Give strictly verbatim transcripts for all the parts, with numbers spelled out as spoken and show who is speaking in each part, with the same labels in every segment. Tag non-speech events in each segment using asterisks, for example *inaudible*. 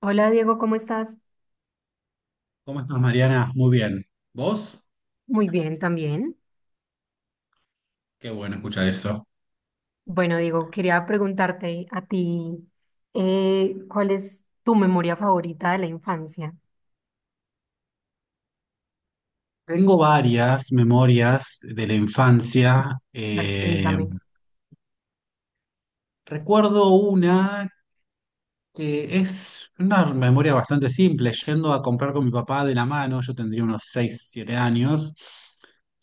Speaker 1: Hola Diego, ¿cómo estás?
Speaker 2: ¿Cómo estás, Mariana? Muy bien. ¿Vos?
Speaker 1: Muy bien también.
Speaker 2: Qué bueno escuchar eso.
Speaker 1: Bueno, Diego, quería preguntarte a ti, eh, ¿cuál es tu memoria favorita de la infancia?
Speaker 2: Tengo varias memorias de la infancia.
Speaker 1: A ver,
Speaker 2: Eh,
Speaker 1: cuéntame.
Speaker 2: recuerdo una que es una memoria bastante simple, yendo a comprar con mi papá de la mano, yo tendría unos seis, siete años,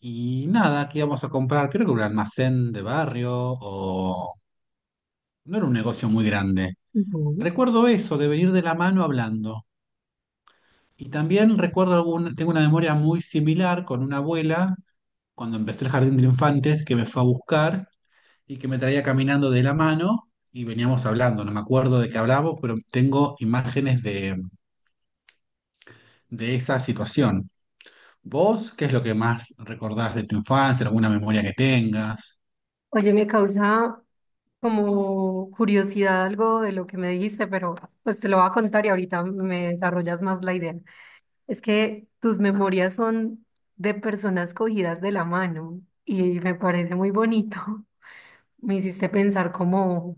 Speaker 2: y nada, que íbamos a comprar, creo que un almacén de barrio o... No era un negocio muy grande.
Speaker 1: Ujú.
Speaker 2: Recuerdo eso, de venir de la mano hablando. Y también recuerdo algún, tengo una memoria muy similar con una abuela cuando empecé el jardín de infantes, que me fue a buscar y que me traía caminando de la mano y veníamos hablando. No me acuerdo de qué hablamos, pero tengo imágenes de, de esa situación. ¿Vos qué es lo que más recordás de tu infancia, alguna memoria que tengas?
Speaker 1: Oye, me causa como curiosidad algo de lo que me dijiste, pero pues te lo voy a contar y ahorita me desarrollas más la idea. Es que tus memorias son de personas cogidas de la mano y me parece muy bonito. *laughs* Me hiciste pensar como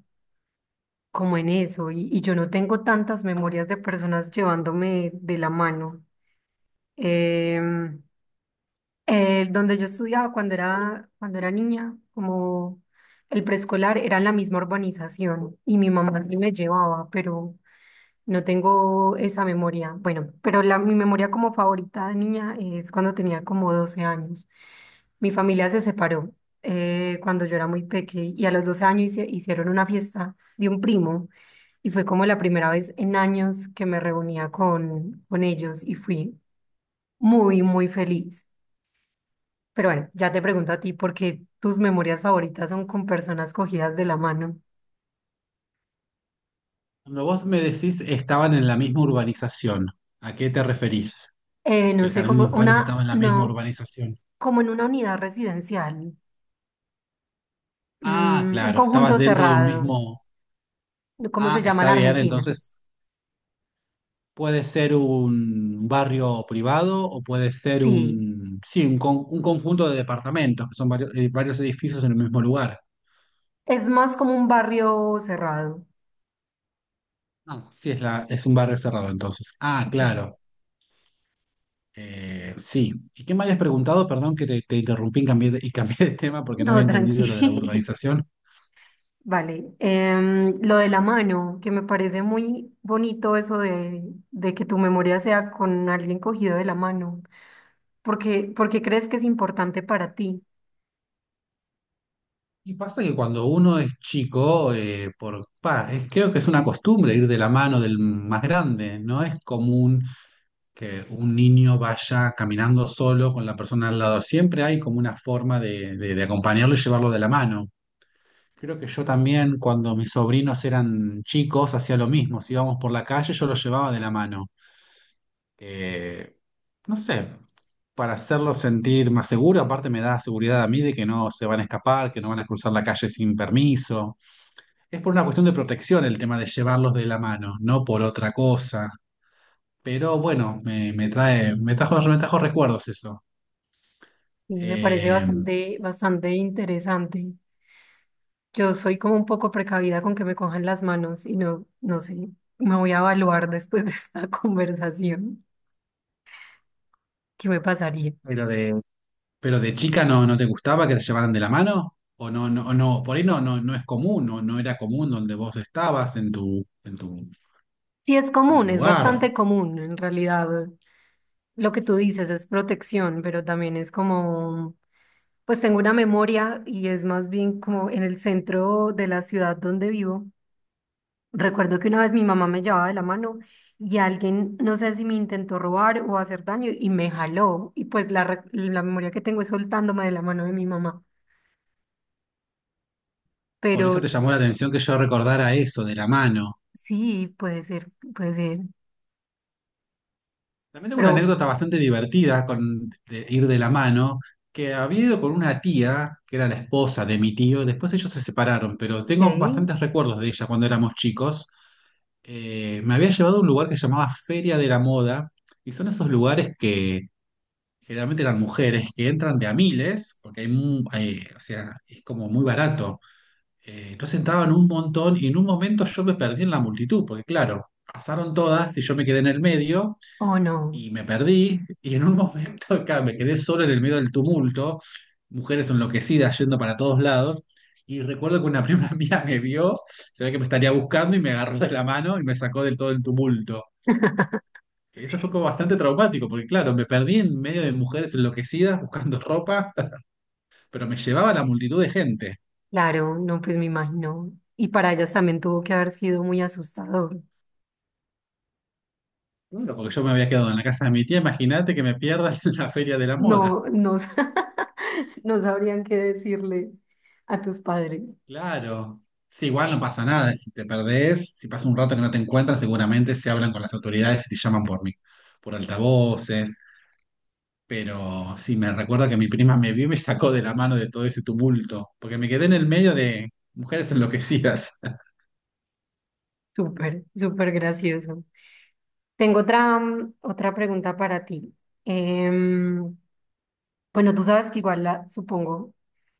Speaker 1: como en eso, y, y yo no tengo tantas memorias de personas llevándome de la mano. Em, el donde yo estudiaba cuando era, cuando era niña, como el preescolar, era en la misma urbanización y mi mamá sí me llevaba, pero no tengo esa memoria. Bueno, pero la, mi memoria como favorita de niña es cuando tenía como doce años. Mi familia se separó eh, cuando yo era muy pequeña y a los doce años hice- hicieron una fiesta de un primo y fue como la primera vez en años que me reunía con, con ellos y fui muy, muy feliz. Pero bueno, ya te pregunto a ti porque tus memorias favoritas son con personas cogidas de la mano.
Speaker 2: Cuando vos me decís estaban en la misma urbanización, ¿a qué te referís?
Speaker 1: Eh,
Speaker 2: Que
Speaker 1: no
Speaker 2: el
Speaker 1: sé,
Speaker 2: jardín de
Speaker 1: como
Speaker 2: infantes estaba
Speaker 1: una,
Speaker 2: en la misma
Speaker 1: no,
Speaker 2: urbanización.
Speaker 1: como en una unidad residencial.
Speaker 2: Ah,
Speaker 1: Mm, un
Speaker 2: claro, estabas
Speaker 1: conjunto
Speaker 2: dentro de un
Speaker 1: cerrado.
Speaker 2: mismo...
Speaker 1: ¿Cómo se
Speaker 2: Ah,
Speaker 1: llama en
Speaker 2: está bien,
Speaker 1: Argentina?
Speaker 2: entonces puede ser un barrio privado o puede ser
Speaker 1: Sí,
Speaker 2: un, sí, un, con- un conjunto de departamentos, que son varios, eh, varios edificios en el mismo lugar.
Speaker 1: es más como un barrio cerrado.
Speaker 2: Ah, sí, es, la, es un barrio cerrado entonces. Ah,
Speaker 1: Ok,
Speaker 2: claro. Eh, sí. ¿Y qué me habías preguntado? Perdón que te, te interrumpí y cambié de, y cambié de tema porque no había
Speaker 1: no, tranqui.
Speaker 2: entendido lo de la
Speaker 1: *laughs*
Speaker 2: urbanización.
Speaker 1: Vale, em, lo de la mano, que me parece muy bonito eso de, de que tu memoria sea con alguien cogido de la mano. porque porque crees que es importante para ti?
Speaker 2: Y pasa que cuando uno es chico, eh, por, pa, es- creo que es una costumbre ir de la mano del más grande. No es común que un niño vaya caminando solo con la persona al lado. Siempre hay como una forma de, de- de acompañarlo y llevarlo de la mano. Creo que yo también, cuando mis sobrinos eran chicos, hacía lo mismo. Si íbamos por la calle, yo los llevaba de la mano, eh, no sé, para hacerlo sentir más seguro. Aparte me da seguridad a mí de que no se van a escapar, que no van a cruzar la calle sin permiso. Es por una cuestión de protección el tema de llevarlos de la mano, no por otra cosa. Pero bueno, me, me trae, me trajo, me trajo recuerdos eso.
Speaker 1: Sí, me parece
Speaker 2: Eh,
Speaker 1: bastante, bastante interesante. Yo soy como un poco precavida con que me cojan las manos y no, no sé, me voy a evaluar después de esta *laughs* conversación. ¿Qué me pasaría?
Speaker 2: ¿Pero de, pero de chica no, no te gustaba que te llevaran de la mano, o no, no, o no, por ahí no, no, no es común, no, no era común donde vos estabas en tu, en tu,
Speaker 1: Sí, es
Speaker 2: en
Speaker 1: común,
Speaker 2: tu
Speaker 1: es
Speaker 2: lugar?
Speaker 1: bastante común en realidad. Lo que tú dices es protección, pero también es como, pues tengo una memoria y es más bien como en el centro de la ciudad donde vivo. Recuerdo que una vez mi mamá me llevaba de la mano y alguien, no sé si me intentó robar o hacer daño y me jaló. Y pues la, re- la memoria que tengo es soltándome de la mano de mi mamá.
Speaker 2: Por eso te
Speaker 1: Pero
Speaker 2: llamó la atención que yo recordara eso de la mano.
Speaker 1: sí, puede ser, puede ser.
Speaker 2: También tengo una
Speaker 1: Pero,
Speaker 2: anécdota bastante divertida con de ir de la mano, que había ido con una tía, que era la esposa de mi tío, después ellos se separaron, pero tengo
Speaker 1: ¿ok?
Speaker 2: bastantes recuerdos de ella cuando éramos chicos. Eh, me había llevado a un lugar que se llamaba Feria de la Moda, y son esos lugares que generalmente eran mujeres, que entran de a miles, porque hay, mu- hay- o sea, es como muy barato. Eh, entonces entraban un montón y en un momento yo me perdí en la multitud, porque claro, pasaron todas y yo me quedé en el medio
Speaker 1: ¿O no?
Speaker 2: y me perdí y en un momento *laughs* claro, me quedé solo en el medio del tumulto, mujeres enloquecidas yendo para todos lados. Y recuerdo que una prima *laughs* mía me vio, se ve que me estaría buscando y me agarró de la mano y me sacó del todo el tumulto. Eso fue como bastante traumático, porque claro, me perdí en medio de mujeres enloquecidas buscando ropa, *laughs* pero me llevaba la multitud de gente.
Speaker 1: Claro, no, pues me imagino. Y para ellas también tuvo que haber sido muy asustador.
Speaker 2: Claro, porque yo me había quedado en la casa de mi tía, imagínate que me pierdas *laughs* en la feria de la moda.
Speaker 1: No, no, sa- *laughs* no sabrían qué decirle a tus padres.
Speaker 2: Claro. Sí, igual no pasa nada, si te perdés, si pasa un rato que no te encuentran seguramente se hablan con las autoridades y te llaman por mí, por altavoces. Pero sí, me recuerda que mi prima me vio y me sacó de la mano de todo ese tumulto, porque me quedé en el medio de mujeres enloquecidas. *laughs*
Speaker 1: Súper, súper gracioso. Tengo otra, mm, otra pregunta para ti. Em, bueno, tú sabes que igual la supongo,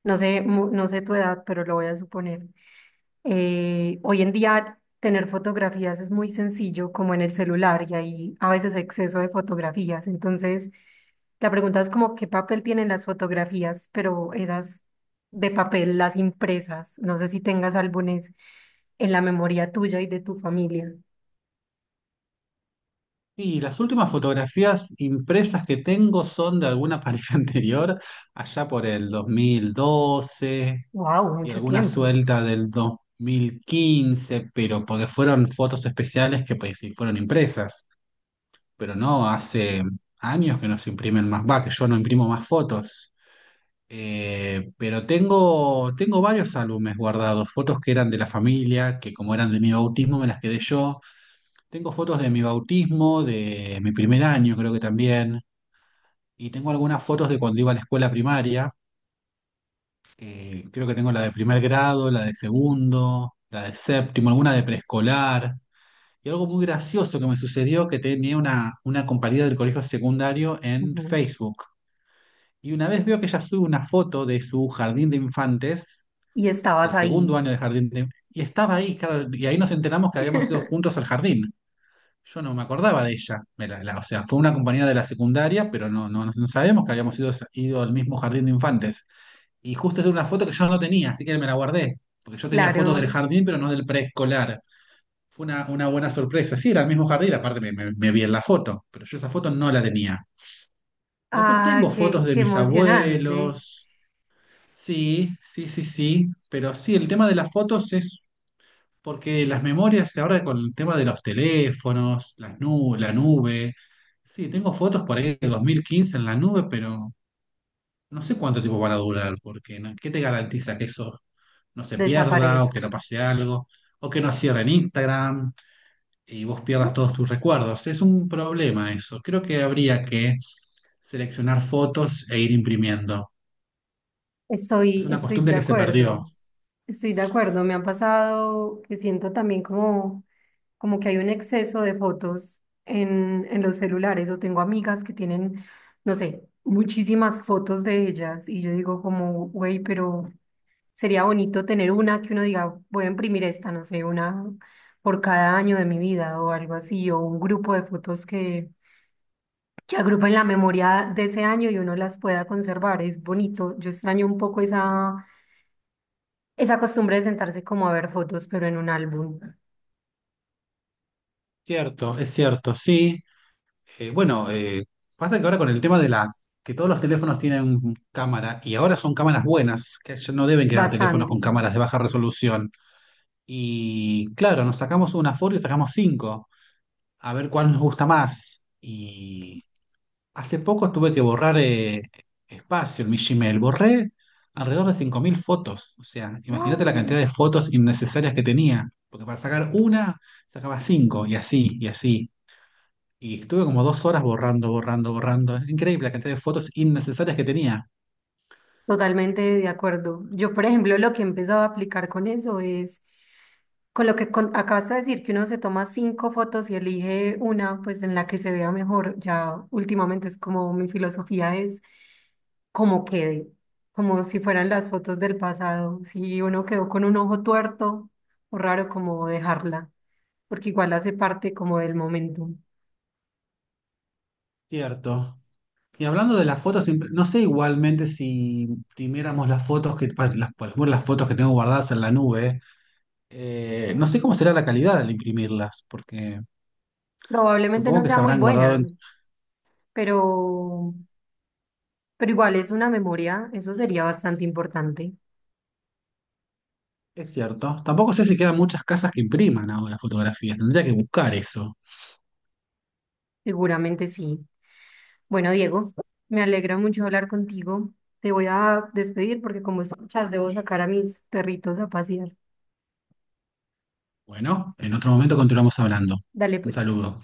Speaker 1: no sé, mu- no sé tu edad, pero lo voy a suponer. Eh, hoy en día tener fotografías es muy sencillo, como en el celular, y hay a veces exceso de fotografías. Entonces, la pregunta es como qué papel tienen las fotografías, pero esas de papel, las impresas. No sé si tengas álbumes en la memoria tuya y de tu familia.
Speaker 2: Y las últimas fotografías impresas que tengo son de alguna pareja *laughs* anterior, allá por el dos mil doce
Speaker 1: Wow,
Speaker 2: y
Speaker 1: mucho
Speaker 2: alguna
Speaker 1: tiempo.
Speaker 2: suelta del dos mil quince, pero porque fueron fotos especiales que pues sí fueron impresas, pero no, hace años que no se imprimen más, va, que yo no imprimo más fotos. Eh, pero tengo, tengo varios álbumes guardados, fotos que eran de la familia, que como eran de mi bautismo me las quedé yo. Tengo fotos de mi bautismo, de mi primer año creo que también, y tengo algunas fotos de cuando iba a la escuela primaria. Eh, creo que tengo la de primer grado, la de segundo, la de séptimo, alguna de preescolar. Y algo muy gracioso que me sucedió que tenía una, una compañera del colegio secundario en
Speaker 1: Ujú.
Speaker 2: Facebook. Y una vez veo que ella sube una foto de su jardín de infantes,
Speaker 1: Y estabas
Speaker 2: del segundo
Speaker 1: ahí.
Speaker 2: año de jardín de... Y estaba ahí, claro, y ahí nos enteramos que habíamos ido
Speaker 1: *laughs*
Speaker 2: juntos al jardín. Yo no me acordaba de ella. Me la- la- o sea, fue una compañera de la secundaria, pero no, no, no sabíamos que habíamos ido, ido al mismo jardín de infantes. Y justo es una foto que yo no tenía, así que me la guardé. Porque yo tenía fotos del
Speaker 1: Claro.
Speaker 2: jardín, pero no del preescolar. Fue una, una buena sorpresa. Sí, era el mismo jardín, aparte me, me- me vi en la foto, pero yo esa foto no la tenía. Después
Speaker 1: Ah,
Speaker 2: tengo
Speaker 1: qué,
Speaker 2: fotos de
Speaker 1: qué
Speaker 2: mis
Speaker 1: emocionante.
Speaker 2: abuelos. Sí, sí, sí, sí. Pero sí, el tema de las fotos es porque las memorias, ahora con el tema de los teléfonos, las nu- la nube. Sí, tengo fotos por ahí de dos mil quince en la nube, pero no sé cuánto tiempo van a durar, porque ¿no? ¿Qué te garantiza que eso no se pierda o que
Speaker 1: Desaparezca.
Speaker 2: no pase algo, o que nos cierren Instagram y vos pierdas todos tus recuerdos? Es un problema eso. Creo que habría que seleccionar fotos e ir imprimiendo. Es
Speaker 1: Estoy,
Speaker 2: una
Speaker 1: estoy
Speaker 2: costumbre
Speaker 1: de
Speaker 2: que se perdió.
Speaker 1: acuerdo. Estoy de acuerdo. Me ha pasado que siento también como, como que hay un exceso de fotos en, en los celulares. O tengo amigas que tienen, no sé, muchísimas fotos de ellas. Y yo digo como, güey, pero sería bonito tener una que uno diga, voy a imprimir esta, no sé, una por cada año de mi vida o algo así, o un grupo de fotos que, que agrupen la memoria de ese año y uno las pueda conservar. Es bonito. Yo extraño un poco esa, esa costumbre de sentarse como a ver fotos, pero en un álbum.
Speaker 2: Cierto, es cierto, sí. Eh, bueno, eh, pasa que ahora con el tema de las, que todos los teléfonos tienen cámara y ahora son cámaras buenas, que ya no deben quedar teléfonos
Speaker 1: Bastante.
Speaker 2: con cámaras de baja resolución. Y claro, nos sacamos una foto y sacamos cinco, a ver cuál nos gusta más. Y hace poco tuve que borrar eh, espacio en mi Gmail. Borré alrededor de cinco mil fotos. O sea, imagínate la cantidad de fotos innecesarias que tenía. Porque para sacar una, sacaba cinco, y así, y así. Y estuve como dos horas borrando, borrando, borrando. Es increíble la cantidad de fotos innecesarias que tenía.
Speaker 1: Totalmente de acuerdo. Yo, por ejemplo, lo que he empezado a aplicar con eso es, con lo que con- acabas de decir, que uno se toma cinco fotos y elige una, pues en la que se vea mejor. Ya últimamente es como mi filosofía es como quede, como si fueran las fotos del pasado. Si uno quedó con un ojo tuerto o raro, como dejarla, porque igual hace parte como del momento.
Speaker 2: Cierto. Y hablando de las fotos, siempre- no sé igualmente si imprimiéramos las fotos que, pa- las, por ejemplo, las fotos que tengo guardadas en la nube, eh, no sé cómo será la calidad al imprimirlas, porque
Speaker 1: Probablemente
Speaker 2: supongo
Speaker 1: no
Speaker 2: que
Speaker 1: sea
Speaker 2: se
Speaker 1: muy
Speaker 2: habrán
Speaker 1: buena,
Speaker 2: guardado.
Speaker 1: pero... Pero igual es una memoria, eso sería bastante importante,
Speaker 2: Es cierto. Tampoco sé si quedan muchas casas que impriman ahora fotografías. Tendría que buscar eso.
Speaker 1: seguramente sí. Bueno, Diego, me alegra mucho hablar contigo. Te voy a despedir porque como escuchas, debo sacar a mis perritos a pasear.
Speaker 2: Bueno, en otro momento continuamos hablando.
Speaker 1: Dale
Speaker 2: Un
Speaker 1: pues.
Speaker 2: saludo.